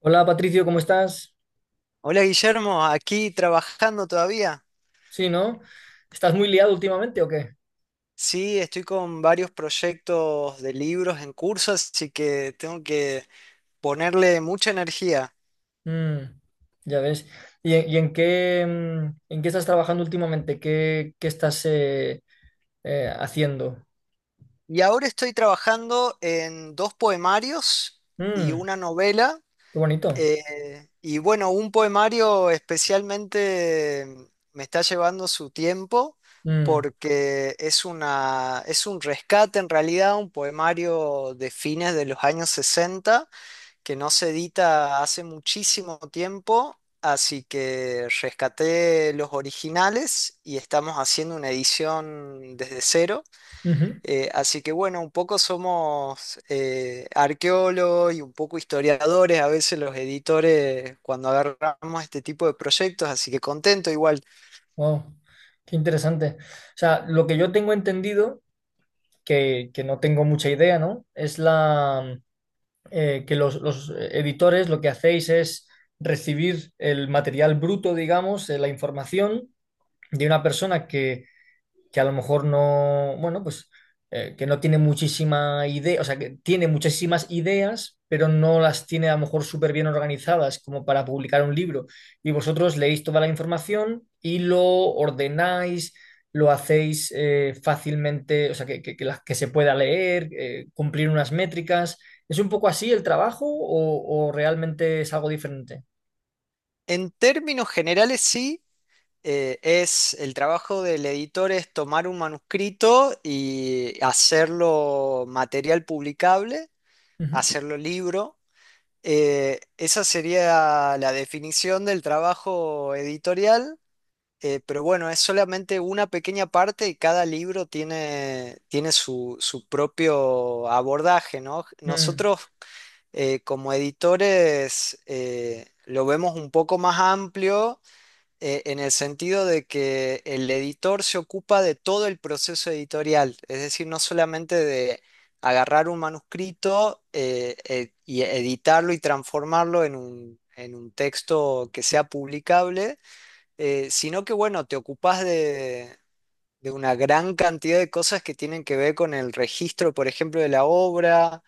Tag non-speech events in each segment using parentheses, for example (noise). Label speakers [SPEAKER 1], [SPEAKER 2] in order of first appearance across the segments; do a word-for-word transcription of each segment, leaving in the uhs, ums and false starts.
[SPEAKER 1] Hola Patricio, ¿cómo estás?
[SPEAKER 2] Hola Guillermo, aquí trabajando todavía.
[SPEAKER 1] Sí, ¿no? ¿Estás muy liado últimamente o qué?
[SPEAKER 2] Sí, estoy con varios proyectos de libros en curso, así que tengo que ponerle mucha energía.
[SPEAKER 1] Mm, ya ves. ¿Y, en y en qué, mm, en qué estás trabajando últimamente? ¿Qué, qué estás eh, eh, haciendo?
[SPEAKER 2] Y ahora estoy trabajando en dos poemarios y
[SPEAKER 1] Mm,
[SPEAKER 2] una novela.
[SPEAKER 1] qué bonito.
[SPEAKER 2] Eh, y bueno, un poemario especialmente me está llevando su tiempo
[SPEAKER 1] Mm,
[SPEAKER 2] porque es una, es un rescate en realidad, un poemario de fines de los años sesenta que no se edita hace muchísimo tiempo, así que rescaté los originales y estamos haciendo una edición desde cero.
[SPEAKER 1] ujú.
[SPEAKER 2] Eh, así que bueno, un poco somos eh, arqueólogos y un poco historiadores, a veces los editores cuando agarramos este tipo de proyectos, así que contento igual.
[SPEAKER 1] Wow, qué interesante. O sea, lo que yo tengo entendido, que, que no tengo mucha idea, ¿no? Es la, eh, que los, los editores lo que hacéis es recibir el material bruto, digamos, eh, la información de una persona que, que a lo mejor no, bueno, pues eh, que no tiene muchísima idea, o sea, que tiene muchísimas ideas, pero no las tiene a lo mejor súper bien organizadas como para publicar un libro. Y vosotros leéis toda la información y lo ordenáis, lo hacéis eh, fácilmente, o sea, que, que, que la- que se pueda leer, eh, cumplir unas métricas. ¿Es un poco así el trabajo o, o realmente es algo diferente?
[SPEAKER 2] En términos generales, sí. eh, es El trabajo del editor es tomar un manuscrito y hacerlo material publicable,
[SPEAKER 1] Ujú.
[SPEAKER 2] hacerlo libro. Eh, esa sería la definición del trabajo editorial. Eh, pero bueno, es solamente una pequeña parte y cada libro tiene, tiene su, su propio abordaje, ¿no?
[SPEAKER 1] Mm,
[SPEAKER 2] Nosotros, eh, como editores, eh, lo vemos un poco más amplio, eh, en el sentido de que el editor se ocupa de todo el proceso editorial, es decir, no solamente de agarrar un manuscrito eh, eh, y editarlo y transformarlo en un, en un texto que sea publicable, eh, sino que, bueno, te ocupas de... de una gran cantidad de cosas que tienen que ver con el registro, por ejemplo, de la obra,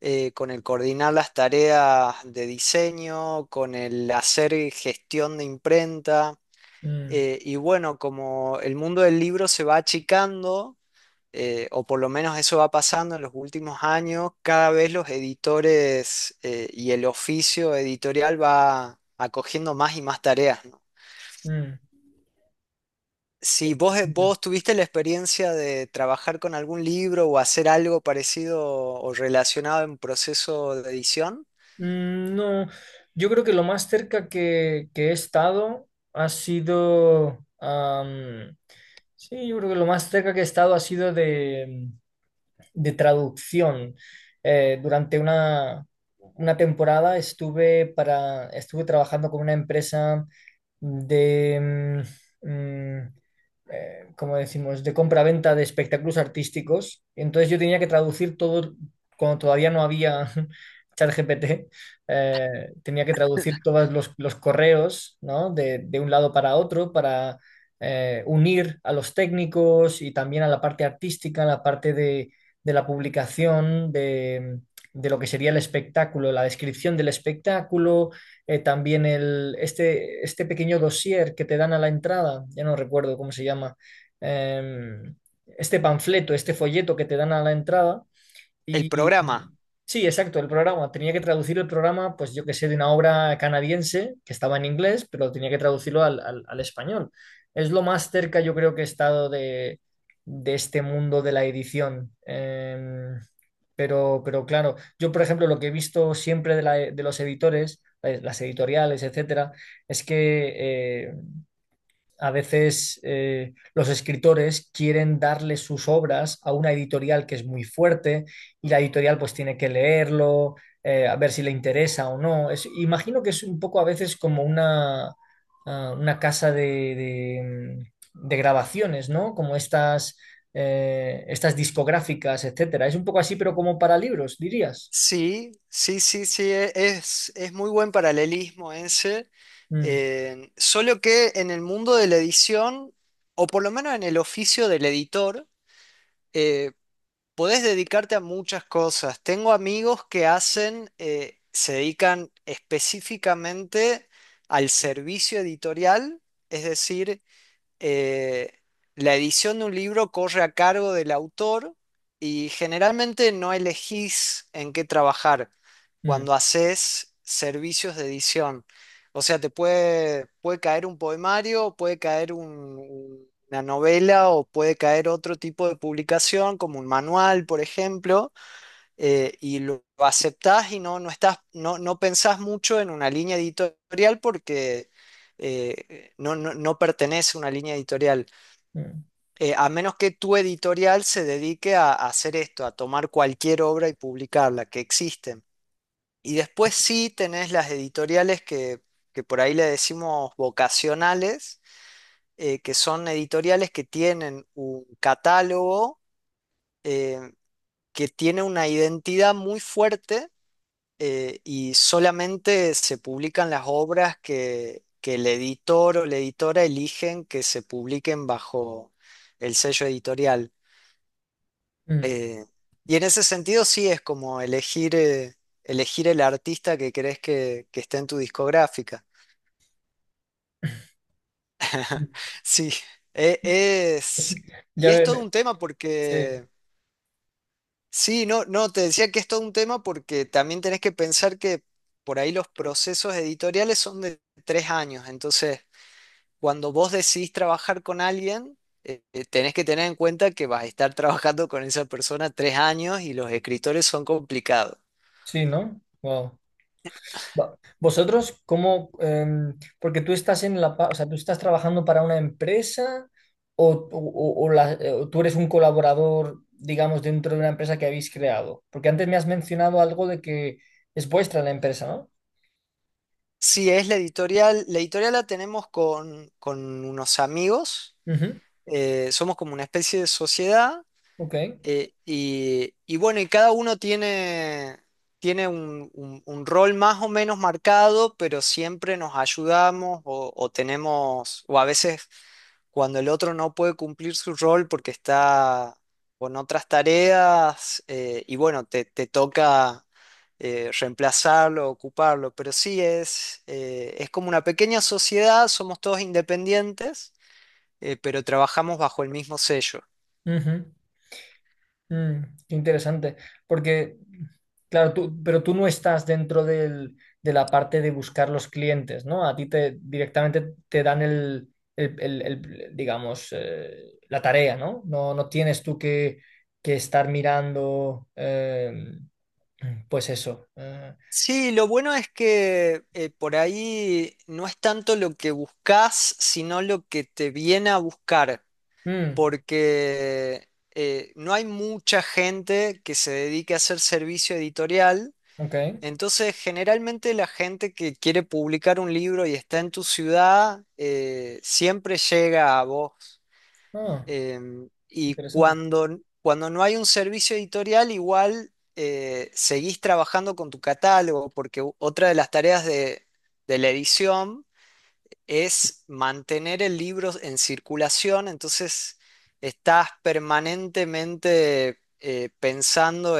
[SPEAKER 2] eh, con el coordinar las tareas de diseño, con el hacer gestión de imprenta.
[SPEAKER 1] mm,
[SPEAKER 2] Eh, y bueno, como el mundo del libro se va achicando, eh, o por lo menos eso va pasando en los últimos años, cada vez los editores, eh, y el oficio editorial va acogiendo más y más tareas, ¿no?
[SPEAKER 1] mm.
[SPEAKER 2] Si vos, eh,
[SPEAKER 1] Interesante.
[SPEAKER 2] vos tuviste la experiencia de trabajar con algún libro o hacer algo parecido o relacionado en proceso de edición,
[SPEAKER 1] Mm, no, yo creo que lo más cerca que, que he estado ha sido, am, sí, yo creo que lo más cerca que he estado ha sido de, de traducción. Eh, durante una, una temporada estuve, para, estuve trabajando con una empresa de, mm, mm, eh, como decimos, de compra-venta de espectáculos artísticos. Entonces yo tenía que traducir todo cuando todavía no había (laughs) ChatGPT, eh, tenía que traducir todos los, los correos, ¿no?, de, de un lado para otro para eh, unir a los técnicos y también a la parte artística, a la parte de, de la publicación de, de lo que sería el espectáculo, la descripción del espectáculo, eh, también el, este, este pequeño dossier que te dan a la entrada, ya no recuerdo cómo se llama, eh, este panfleto, este folleto que te dan a la entrada.
[SPEAKER 2] el
[SPEAKER 1] Y
[SPEAKER 2] programa.
[SPEAKER 1] sí, exacto, el programa. Tenía que traducir el programa, pues yo que sé, de una obra canadiense que estaba en inglés, pero tenía que traducirlo al, al- al español. Es lo más cerca yo creo que he estado de, de este mundo de la edición. Em, pero, pero claro, yo por ejemplo lo que he visto siempre de, la- de los editores, eh, las editoriales, etcétera, es que eh, a veces eh, los escritores quieren darle sus obras a una editorial que es muy fuerte, y la editorial pues tiene que leerlo, eh, a ver si le interesa o no. Es- imagino que es un poco a veces como una, ah, una casa de, de- mm, de grabaciones, ¿no? Como estas, eh, estas discográficas, etcétera. Es un poco así, pero como para libros, dirías.
[SPEAKER 2] Sí, sí, sí, sí, e- es, es muy buen paralelismo ese,
[SPEAKER 1] Mm,
[SPEAKER 2] eh, solo que en el mundo de la edición, o por lo menos en el oficio del editor, eh, podés dedicarte a muchas cosas. Tengo amigos que hacen, eh, se dedican específicamente al servicio editorial, es decir, eh, la edición de un libro corre a cargo del autor y generalmente no elegís en qué trabajar
[SPEAKER 1] mm,
[SPEAKER 2] cuando haces servicios de edición. O sea, te puede, puede caer un poemario, puede caer un- una novela o puede caer otro tipo de publicación, como un manual, por ejemplo. Eh, y lo, lo aceptás y no, no, estás, no, no pensás mucho en una línea editorial porque eh, no, no, no pertenece a una línea editorial.
[SPEAKER 1] mm,
[SPEAKER 2] Eh, a menos que tu editorial se dedique a, a hacer esto, a tomar cualquier obra y publicarla, que existen. Y después sí tenés las editoriales que, que por ahí le decimos vocacionales, eh, que son editoriales que tienen un catálogo, eh, que tiene una identidad muy fuerte, eh, y solamente se publican las obras que, que el editor o la editora eligen que se publiquen bajo el sello editorial.
[SPEAKER 1] mm.
[SPEAKER 2] Eh, y en ese sentido sí es como elegir, eh, elegir el artista que crees que, que esté en tu discográfica. (laughs) Sí, e-
[SPEAKER 1] Es-
[SPEAKER 2] es...
[SPEAKER 1] Ya
[SPEAKER 2] Y es
[SPEAKER 1] ve-
[SPEAKER 2] todo
[SPEAKER 1] ve-
[SPEAKER 2] un tema
[SPEAKER 1] sí,
[SPEAKER 2] porque... Sí, no, no, te decía que es todo un tema porque también tenés que pensar que por ahí los procesos editoriales son de tres años, entonces cuando vos decidís trabajar con alguien, eh, eh, tenés que tener en cuenta que vas a estar (laughs) trabajando con esa persona tres años y los escritores son complicados.
[SPEAKER 1] sí, ¿no? Wow. Va- ¿Vosotros cómo? Em, porque tú estás en la, pa- o sea, tú estás trabajando para una empresa o, o- o- o la- eh, o tú eres un colaborador, digamos, dentro de una empresa que habéis creado. Porque antes me has mencionado algo de que es vuestra la empresa, ¿no?
[SPEAKER 2] Sí, es la editorial. La editorial la tenemos con, con unos amigos.
[SPEAKER 1] Ujú,
[SPEAKER 2] Eh, somos como una especie de sociedad.
[SPEAKER 1] ok.
[SPEAKER 2] Eh, y, y bueno, y cada uno tiene, tiene un, un- un rol más o menos marcado, pero siempre nos ayudamos o, o tenemos, o a veces cuando el otro no puede cumplir su rol porque está con otras tareas, eh, y bueno, te, te toca eh, reemplazarlo, ocuparlo, pero sí es, eh, es como una pequeña sociedad, somos todos independientes, eh, pero trabajamos bajo el mismo sello.
[SPEAKER 1] Ujú. Mm, qué interesante, porque, claro, tú, pero tú no estás dentro del- de la parte de buscar los clientes, ¿no? A ti te directamente te dan el, el- el- el, digamos, eh, la tarea, ¿no? No, no tienes tú que, que estar mirando, eh, pues eso. eh.
[SPEAKER 2] Sí, lo bueno es que eh, por ahí no es tanto lo que buscas, sino lo que te viene a buscar,
[SPEAKER 1] Mm,
[SPEAKER 2] porque eh, no hay mucha gente que se dedique a hacer servicio editorial,
[SPEAKER 1] ok.
[SPEAKER 2] entonces generalmente la gente que quiere publicar un libro y está en tu ciudad, eh, siempre llega a vos.
[SPEAKER 1] Ah,
[SPEAKER 2] Em, y
[SPEAKER 1] interesante.
[SPEAKER 2] cuando, cuando no hay un servicio editorial, igual eh, seguís trabajando con tu catálogo, porque u- otra de las tareas de, de la edición es mantener el libro en circulación, entonces estás permanentemente eh, pensando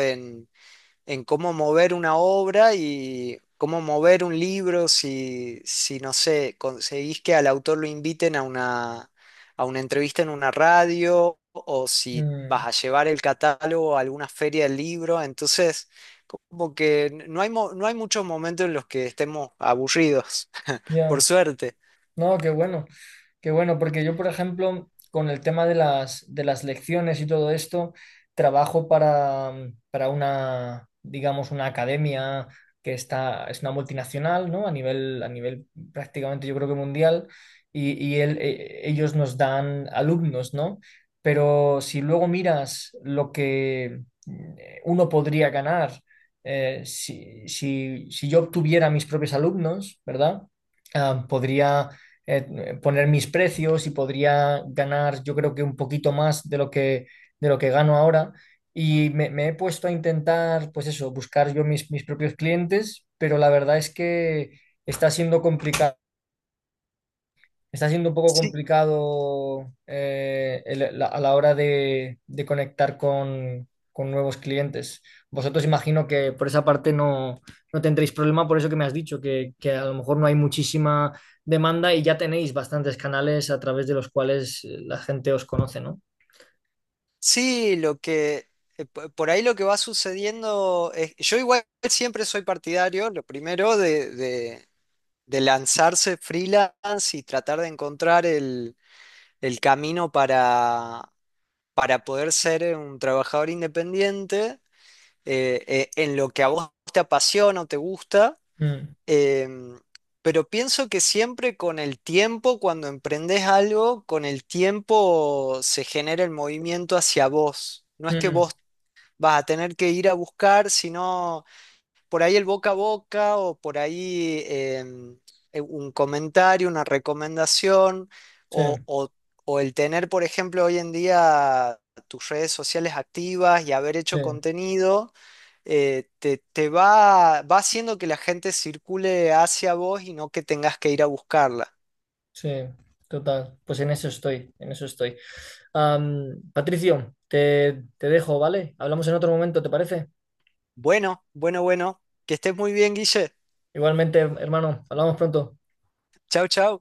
[SPEAKER 2] en cómo mover una obra y cómo mover un libro si, si no sé, conseguís que al autor lo inviten a una, a una entrevista en una radio o si
[SPEAKER 1] Mm,
[SPEAKER 2] vas a llevar el catálogo a alguna feria del libro. Entonces, como que n- no hay, mo- no hay muchos momentos en los que estemos aburridos, (laughs) por
[SPEAKER 1] ya,
[SPEAKER 2] suerte.
[SPEAKER 1] no, qué bueno. Qué bueno, porque yo, por ejemplo, con el tema de las, de las lecciones y todo esto, trabajo para, mm, para una, digamos, una academia que está, es una multinacional, ¿no? A nivel, a nivel prácticamente yo creo que mundial, y, y el- e- ellos nos dan alumnos, ¿no? Pero si luego miras lo que mm, eh, uno podría ganar, eh, si, si, si yo obtuviera mis propios alumnos, ¿verdad? Ah, podría eh, poner mis precios y podría ganar yo creo que un poquito más de lo que, de lo que gano ahora. Y me, me he puesto a intentar, pues eso, buscar yo mis, mis propios clientes, pero la verdad es que está siendo complicado está siendo un poco
[SPEAKER 2] Sí,
[SPEAKER 1] complicado eh, el- la- a la hora de, de conectar con, con nuevos clientes. Vosotros imagino que por esa parte no, no tendréis problema, por eso que me has dicho, que, que a lo mejor no hay muchísima demanda y ya tenéis bastantes canales a través de los cuales eh, la gente os conoce, ¿no?
[SPEAKER 2] sí, lo que... eh, po- Por ahí lo que va sucediendo es, yo igual siempre soy partidario, lo primero, de, de- de lanzarse freelance y tratar de encontrar el, el camino para, para poder ser un trabajador independiente, eh, eh, en lo que a vos te apasiona o te gusta.
[SPEAKER 1] Mm,
[SPEAKER 2] em, pero pienso que siempre con el tiempo, cuando emprendés algo, con el tiempo se genera el movimiento hacia vos. No es que
[SPEAKER 1] mm,
[SPEAKER 2] vos vas a tener que ir a buscar, sino por ahí el boca a boca o por ahí em, eh, un comentario, una recomendación
[SPEAKER 1] sí,
[SPEAKER 2] o, o- o el tener, por ejemplo, hoy en día tus redes sociales activas y haber hecho
[SPEAKER 1] sí,
[SPEAKER 2] contenido, eh, te, te va, va haciendo que la gente circule hacia vos y no que tengas que ir a buscarla.
[SPEAKER 1] sí, total. Pues en eso estoy, en eso estoy. Am, Patricio, te, te dejo, ¿vale? Hablamos en otro momento, ¿te parece?
[SPEAKER 2] Bueno, bueno, bueno, que estés muy bien, Guille.
[SPEAKER 1] Igualmente, hermano, hablamos pronto.
[SPEAKER 2] Chau, chau.